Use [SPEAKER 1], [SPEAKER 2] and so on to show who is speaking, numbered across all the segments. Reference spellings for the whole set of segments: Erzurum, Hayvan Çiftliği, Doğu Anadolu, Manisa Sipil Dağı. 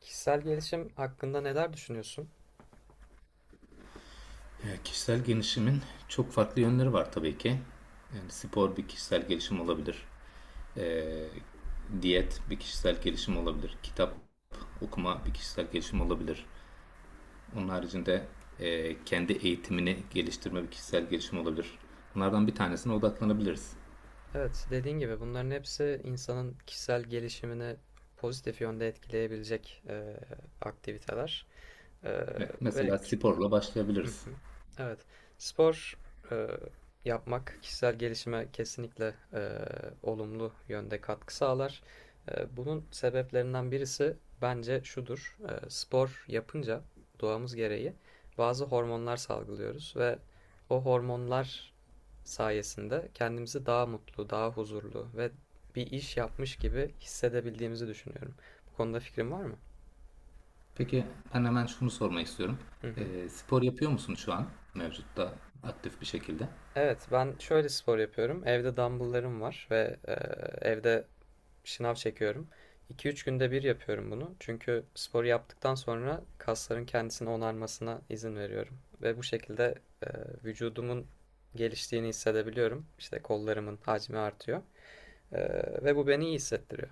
[SPEAKER 1] Kişisel gelişim hakkında neler düşünüyorsun?
[SPEAKER 2] Kişisel gelişimin çok farklı yönleri var tabii ki. Yani spor bir kişisel gelişim olabilir. Ee, diyet bir kişisel gelişim olabilir. Kitap okuma bir kişisel gelişim olabilir. Onun haricinde kendi eğitimini geliştirme bir kişisel gelişim olabilir. Bunlardan bir tanesine odaklanabiliriz.
[SPEAKER 1] Evet, dediğin gibi bunların hepsi insanın kişisel gelişimini pozitif yönde etkileyebilecek aktiviteler. E,
[SPEAKER 2] Evet,
[SPEAKER 1] ve
[SPEAKER 2] mesela sporla
[SPEAKER 1] Hı
[SPEAKER 2] başlayabiliriz.
[SPEAKER 1] hı. Evet, spor e, yapmak kişisel gelişime kesinlikle olumlu yönde katkı sağlar. Bunun sebeplerinden birisi bence şudur. Spor yapınca doğamız gereği bazı hormonlar salgılıyoruz ve o hormonlar sayesinde kendimizi daha mutlu, daha huzurlu ve bir iş yapmış gibi hissedebildiğimizi düşünüyorum. Bu konuda fikrin var mı?
[SPEAKER 2] Peki ben hemen şunu sormak istiyorum.
[SPEAKER 1] Hı hı.
[SPEAKER 2] Spor yapıyor musun şu an mevcutta aktif bir şekilde?
[SPEAKER 1] Evet, ben şöyle spor yapıyorum. Evde dumbbell'larım var ve evde şınav çekiyorum. 2 üç günde bir yapıyorum bunu. Çünkü sporu yaptıktan sonra kasların kendisini onarmasına izin veriyorum. Ve bu şekilde e, vücudumun geliştiğini hissedebiliyorum. İşte kollarımın hacmi artıyor. E, Ve bu beni iyi hissettiriyor.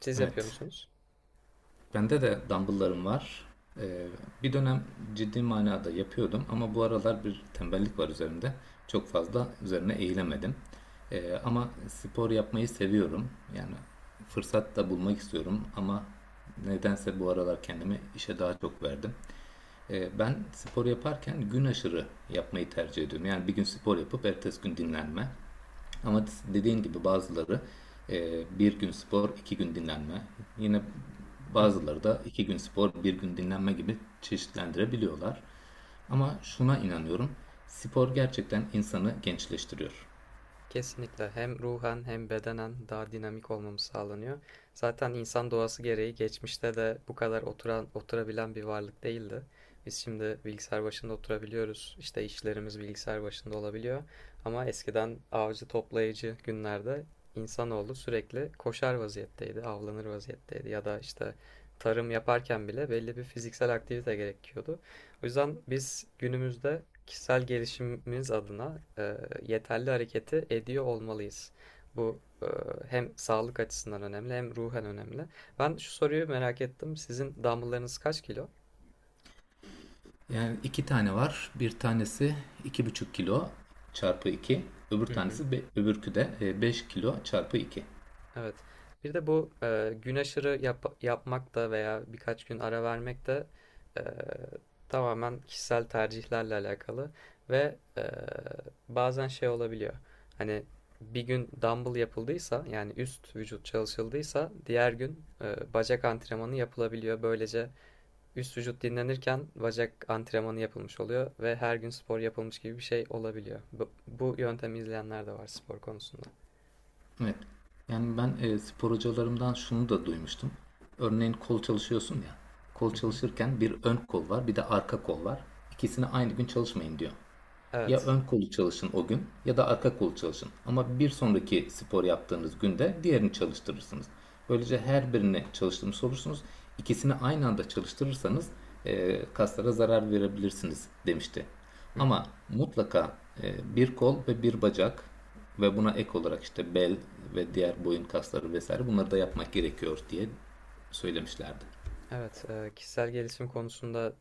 [SPEAKER 1] Siz yapıyor
[SPEAKER 2] Evet.
[SPEAKER 1] musunuz?
[SPEAKER 2] Bende de dumbbell'larım var. Ee, bir dönem ciddi manada yapıyordum ama bu aralar bir tembellik var üzerimde. Çok fazla üzerine eğilemedim. Ama spor yapmayı seviyorum. Yani fırsat da bulmak istiyorum ama nedense bu aralar kendimi işe daha çok verdim. Ben spor yaparken gün aşırı yapmayı tercih ediyorum. Yani bir gün spor yapıp ertesi gün dinlenme. Ama dediğin gibi bazıları bir gün spor, iki gün dinlenme. Yine bazıları da iki gün spor, bir gün dinlenme gibi çeşitlendirebiliyorlar. Ama şuna inanıyorum. Spor gerçekten insanı gençleştiriyor.
[SPEAKER 1] Kesinlikle hem ruhen hem bedenen daha dinamik olmamız sağlanıyor. Zaten insan doğası gereği geçmişte de bu kadar oturan oturabilen bir varlık değildi. Biz şimdi bilgisayar başında oturabiliyoruz. İşte işlerimiz bilgisayar başında olabiliyor. Ama eskiden avcı toplayıcı günlerde insanoğlu sürekli koşar vaziyetteydi, avlanır vaziyetteydi ya da işte tarım yaparken bile belli bir fiziksel aktivite gerekiyordu. O yüzden biz günümüzde kişisel gelişimimiz adına yeterli hareketi ediyor olmalıyız. Bu hem sağlık açısından önemli hem ruhen önemli. Ben şu soruyu merak ettim. Sizin dumbbell'larınız kaç kilo?
[SPEAKER 2] Yani iki tane var. Bir tanesi 2,5 kilo çarpı iki. Öbür
[SPEAKER 1] Hı hı.
[SPEAKER 2] tanesi öbürkü de 5 kilo çarpı iki.
[SPEAKER 1] Evet. Bir de bu gün aşırı yapmak da veya birkaç gün ara vermek de e, tamamen kişisel tercihlerle alakalı ve bazen şey olabiliyor. Hani bir gün dumbbell yapıldıysa yani üst vücut çalışıldıysa diğer gün bacak antrenmanı yapılabiliyor. Böylece üst vücut dinlenirken bacak antrenmanı yapılmış oluyor ve her gün spor yapılmış gibi bir şey olabiliyor. Bu yöntemi izleyenler de var spor konusunda.
[SPEAKER 2] Evet. Yani ben spor hocalarımdan şunu da duymuştum. Örneğin kol çalışıyorsun ya. Kol
[SPEAKER 1] Hı hı.
[SPEAKER 2] çalışırken bir ön kol var, bir de arka kol var. İkisini aynı gün çalışmayın diyor. Ya
[SPEAKER 1] Evet.
[SPEAKER 2] ön kolu çalışın o gün ya da arka kolu çalışın. Ama bir sonraki spor yaptığınız günde diğerini çalıştırırsınız. Böylece her birini çalıştırmış olursunuz. İkisini aynı anda çalıştırırsanız kaslara zarar verebilirsiniz demişti.
[SPEAKER 1] Hı hı.
[SPEAKER 2] Ama mutlaka bir kol ve bir bacak ve buna ek olarak işte bel ve diğer boyun kasları vesaire bunları da yapmak gerekiyor diye söylemişlerdi.
[SPEAKER 1] Evet, kişisel gelişim konusunda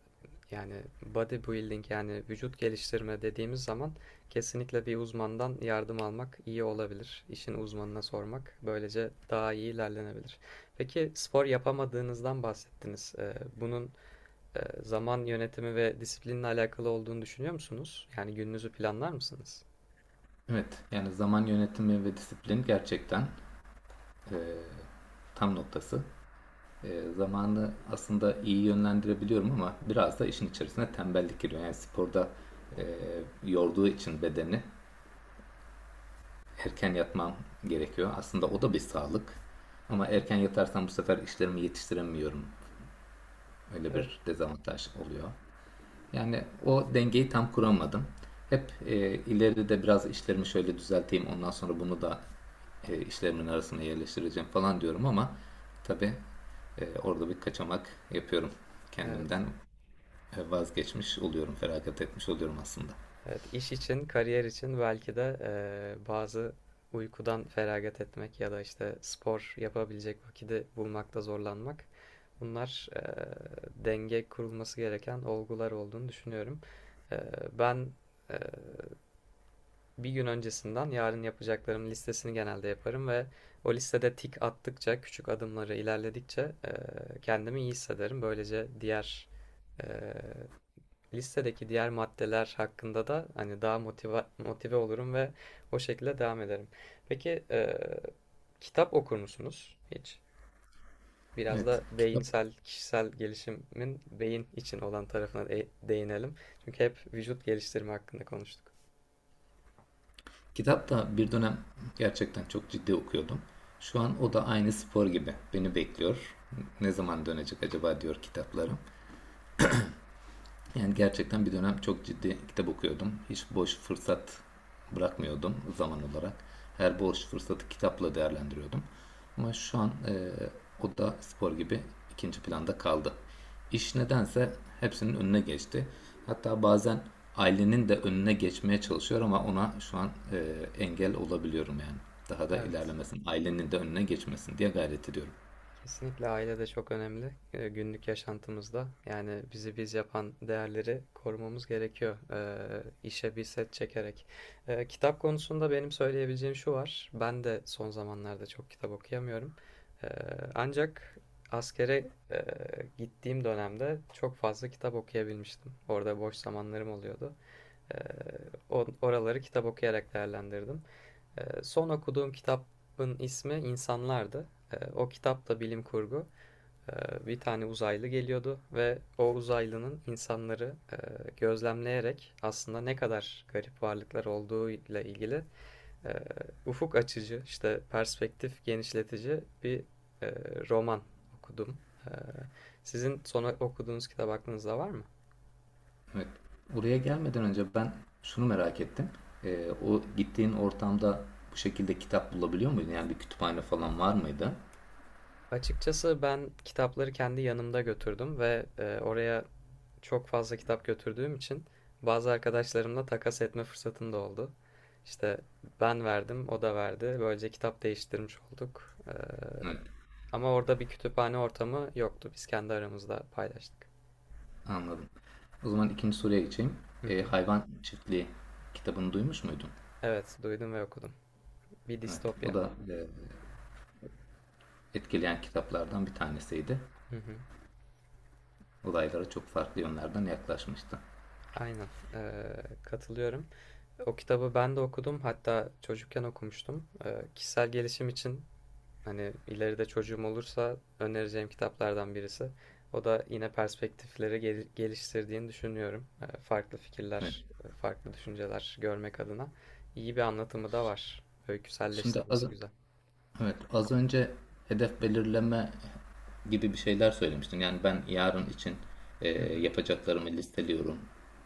[SPEAKER 1] yani bodybuilding yani vücut geliştirme dediğimiz zaman kesinlikle bir uzmandan yardım almak iyi olabilir. İşin uzmanına sormak böylece daha iyi ilerlenebilir. Peki spor yapamadığınızdan bahsettiniz. Bunun zaman yönetimi ve disiplinle alakalı olduğunu düşünüyor musunuz? Yani gününüzü planlar mısınız?
[SPEAKER 2] Evet yani zaman yönetimi ve disiplin gerçekten tam noktası. Zamanı aslında iyi yönlendirebiliyorum ama biraz da işin içerisine tembellik giriyor. Yani sporda e, yorduğu için bedeni erken yatmam gerekiyor. Aslında o da bir sağlık.
[SPEAKER 1] Hı
[SPEAKER 2] Ama
[SPEAKER 1] hı.
[SPEAKER 2] erken yatarsam bu sefer işlerimi yetiştiremiyorum. Öyle
[SPEAKER 1] Evet.
[SPEAKER 2] bir dezavantaj oluyor. Yani o dengeyi tam kuramadım. Hep ileride biraz işlerimi şöyle düzelteyim, ondan sonra bunu da işlerimin arasına yerleştireceğim falan diyorum ama tabii orada bir kaçamak yapıyorum.
[SPEAKER 1] Evet.
[SPEAKER 2] Kendimden vazgeçmiş oluyorum, feragat etmiş oluyorum aslında.
[SPEAKER 1] Evet, iş için, kariyer için belki de bazı uykudan feragat etmek ya da işte spor yapabilecek vakiti bulmakta zorlanmak. Bunlar denge kurulması gereken olgular olduğunu düşünüyorum. Eee, Ben eee, bir gün öncesinden yarın yapacaklarım listesini genelde yaparım ve o listede tik attıkça, küçük adımları ilerledikçe kendimi iyi hissederim. Böylece diğer eee, listedeki diğer maddeler hakkında da hani daha motive olurum ve o şekilde devam ederim. Peki kitap okur musunuz hiç? Biraz
[SPEAKER 2] Evet,
[SPEAKER 1] da
[SPEAKER 2] kitap
[SPEAKER 1] beyinsel, kişisel gelişimin beyin için olan tarafına değinelim. Çünkü hep vücut geliştirme hakkında konuştuk.
[SPEAKER 2] kitap da bir dönem gerçekten çok ciddi okuyordum. Şu an o da aynı spor gibi beni bekliyor. Ne zaman dönecek acaba diyor kitaplarım. Yani gerçekten bir dönem çok ciddi kitap okuyordum. Hiç boş fırsat bırakmıyordum zaman olarak. Her boş fırsatı kitapla değerlendiriyordum. Ama şu an o da spor gibi ikinci planda kaldı. İş nedense hepsinin önüne geçti. Hatta bazen ailenin de önüne geçmeye çalışıyor ama ona şu an engel olabiliyorum yani. Daha da
[SPEAKER 1] Evet.
[SPEAKER 2] ilerlemesin, ailenin de önüne geçmesin diye gayret ediyorum.
[SPEAKER 1] Kesinlikle aile de çok önemli günlük yaşantımızda. Yani bizi biz yapan değerleri korumamız gerekiyor işe bir set çekerek. Kitap konusunda benim söyleyebileceğim şu var. Ben de son zamanlarda çok kitap okuyamıyorum. E, Ancak askere gittiğim dönemde çok fazla kitap okuyabilmiştim. Orada boş zamanlarım oluyordu. E, Oraları kitap okuyarak değerlendirdim. Son okuduğum kitabın ismi İnsanlardı. O kitap da bilim kurgu. Bir tane uzaylı geliyordu ve o uzaylının insanları gözlemleyerek aslında ne kadar garip varlıklar olduğuyla ilgili e, ufuk açıcı, işte perspektif genişletici bir e, roman okudum. Ee, Sizin son okuduğunuz kitap aklınızda var mı?
[SPEAKER 2] Evet. Buraya gelmeden önce ben şunu merak ettim. O gittiğin ortamda bu şekilde kitap bulabiliyor muydun? Yani bir kütüphane falan var mıydı?
[SPEAKER 1] Açıkçası ben kitapları kendi yanımda götürdüm ve oraya çok fazla kitap götürdüğüm için bazı arkadaşlarımla takas etme fırsatım da oldu. İşte ben verdim, o da verdi. Böylece kitap değiştirmiş olduk.
[SPEAKER 2] Evet.
[SPEAKER 1] Ama orada bir kütüphane ortamı yoktu. Biz kendi aramızda paylaştık.
[SPEAKER 2] Anladım. O zaman ikinci soruya geçeyim.
[SPEAKER 1] Hı hı.
[SPEAKER 2] Hayvan Çiftliği kitabını duymuş muydun?
[SPEAKER 1] Evet, duydum ve okudum. Bir
[SPEAKER 2] Evet. O
[SPEAKER 1] distopya.
[SPEAKER 2] da etkileyen kitaplardan bir tanesiydi.
[SPEAKER 1] Hı hı.
[SPEAKER 2] Olaylara çok farklı yönlerden yaklaşmıştı.
[SPEAKER 1] Aynen. Katılıyorum. O kitabı ben de okudum. Hatta çocukken okumuştum. Kişisel gelişim için hani ileride çocuğum olursa önereceğim kitaplardan birisi. O da yine perspektifleri geliştirdiğini düşünüyorum. Farklı
[SPEAKER 2] Evet.
[SPEAKER 1] fikirler, farklı düşünceler görmek adına iyi bir anlatımı da var.
[SPEAKER 2] Şimdi az,
[SPEAKER 1] Öyküselleştirmesi güzel.
[SPEAKER 2] Evet, az önce hedef belirleme gibi bir şeyler söylemiştin. Yani ben yarın için e,
[SPEAKER 1] Hı hı.
[SPEAKER 2] yapacaklarımı listeliyorum.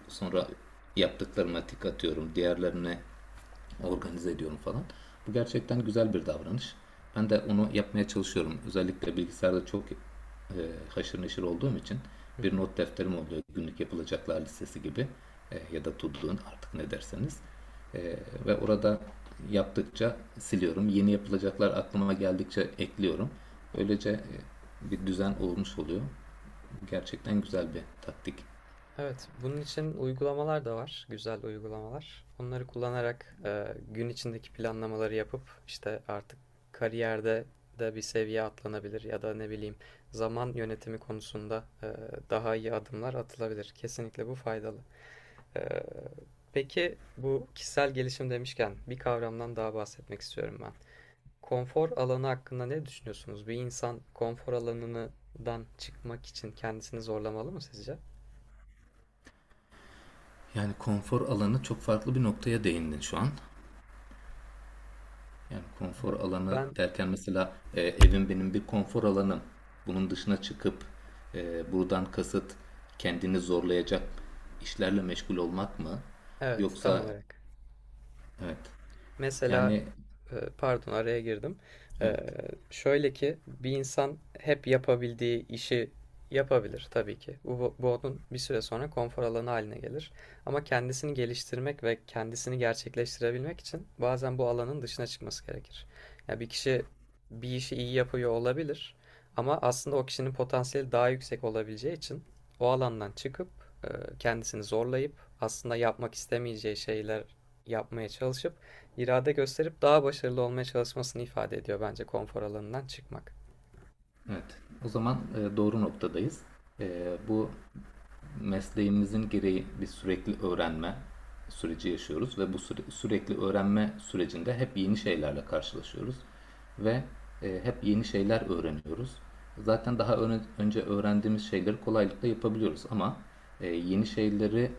[SPEAKER 2] Sonra yaptıklarıma tik atıyorum. Diğerlerini organize ediyorum falan. Bu gerçekten güzel bir davranış. Ben de onu yapmaya çalışıyorum. Özellikle bilgisayarda çok e, haşır neşir olduğum için
[SPEAKER 1] Hı
[SPEAKER 2] bir
[SPEAKER 1] hı.
[SPEAKER 2] not defterim oluyor. Günlük yapılacaklar listesi gibi ya da to do'nun artık ne derseniz. E, ve orada yaptıkça siliyorum. Yeni yapılacaklar aklıma geldikçe ekliyorum. Böylece bir düzen olmuş oluyor. Gerçekten güzel bir taktik.
[SPEAKER 1] Evet, bunun için uygulamalar da var, güzel uygulamalar. Onları kullanarak gün içindeki planlamaları yapıp işte artık kariyerde de bir seviye atlanabilir ya da ne bileyim zaman yönetimi konusunda daha iyi adımlar atılabilir. Kesinlikle bu faydalı. E, peki bu kişisel gelişim demişken bir kavramdan daha bahsetmek istiyorum ben. Konfor alanı hakkında ne düşünüyorsunuz? Bir insan konfor alanından çıkmak için kendisini zorlamalı mı sizce?
[SPEAKER 2] Yani konfor alanı çok farklı bir noktaya değindin şu an. Yani konfor
[SPEAKER 1] Be-
[SPEAKER 2] alanı
[SPEAKER 1] Ben
[SPEAKER 2] derken mesela evim benim bir konfor alanım. Bunun dışına çıkıp buradan kasıt kendini zorlayacak işlerle meşgul olmak mı?
[SPEAKER 1] Evet, tam
[SPEAKER 2] Yoksa
[SPEAKER 1] olarak.
[SPEAKER 2] evet
[SPEAKER 1] Mesela
[SPEAKER 2] yani
[SPEAKER 1] Pardon araya girdim. Ee,
[SPEAKER 2] evet.
[SPEAKER 1] Şöyle ki bir insan hep yapabildiği işi yapabilir tabii ki. Bu onun bir süre sonra konfor alanı haline gelir. Ama kendisini geliştirmek ve kendisini gerçekleştirebilmek için bazen bu alanın dışına çıkması gerekir. Ya bir kişi bir işi iyi yapıyor olabilir ama aslında o kişinin potansiyeli daha yüksek olabileceği için o alandan çıkıp e, kendisini zorlayıp aslında yapmak istemeyeceği şeyler yapmaya çalışıp irade gösterip daha başarılı olmaya çalışmasını ifade ediyor bence konfor alanından çıkmak.
[SPEAKER 2] Evet. O zaman doğru noktadayız. Bu mesleğimizin gereği bir sürekli öğrenme süreci yaşıyoruz ve bu sürekli öğrenme sürecinde hep yeni şeylerle karşılaşıyoruz ve hep yeni şeyler öğreniyoruz. Zaten daha önce öğrendiğimiz şeyleri kolaylıkla yapabiliyoruz ama yeni şeyleri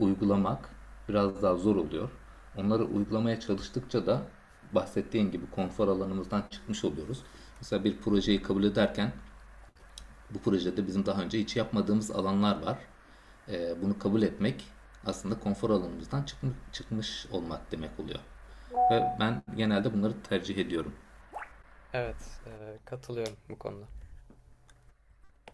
[SPEAKER 2] uygulamak biraz daha zor oluyor. Onları uygulamaya çalıştıkça da bahsettiğim gibi konfor alanımızdan çıkmış oluyoruz. Mesela bir projeyi kabul ederken bu projede bizim daha önce hiç yapmadığımız alanlar var. Bunu kabul etmek aslında konfor alanımızdan çıkmış olmak demek oluyor. Ve ben genelde bunları tercih ediyorum.
[SPEAKER 1] Evet, katılıyorum bu konuda.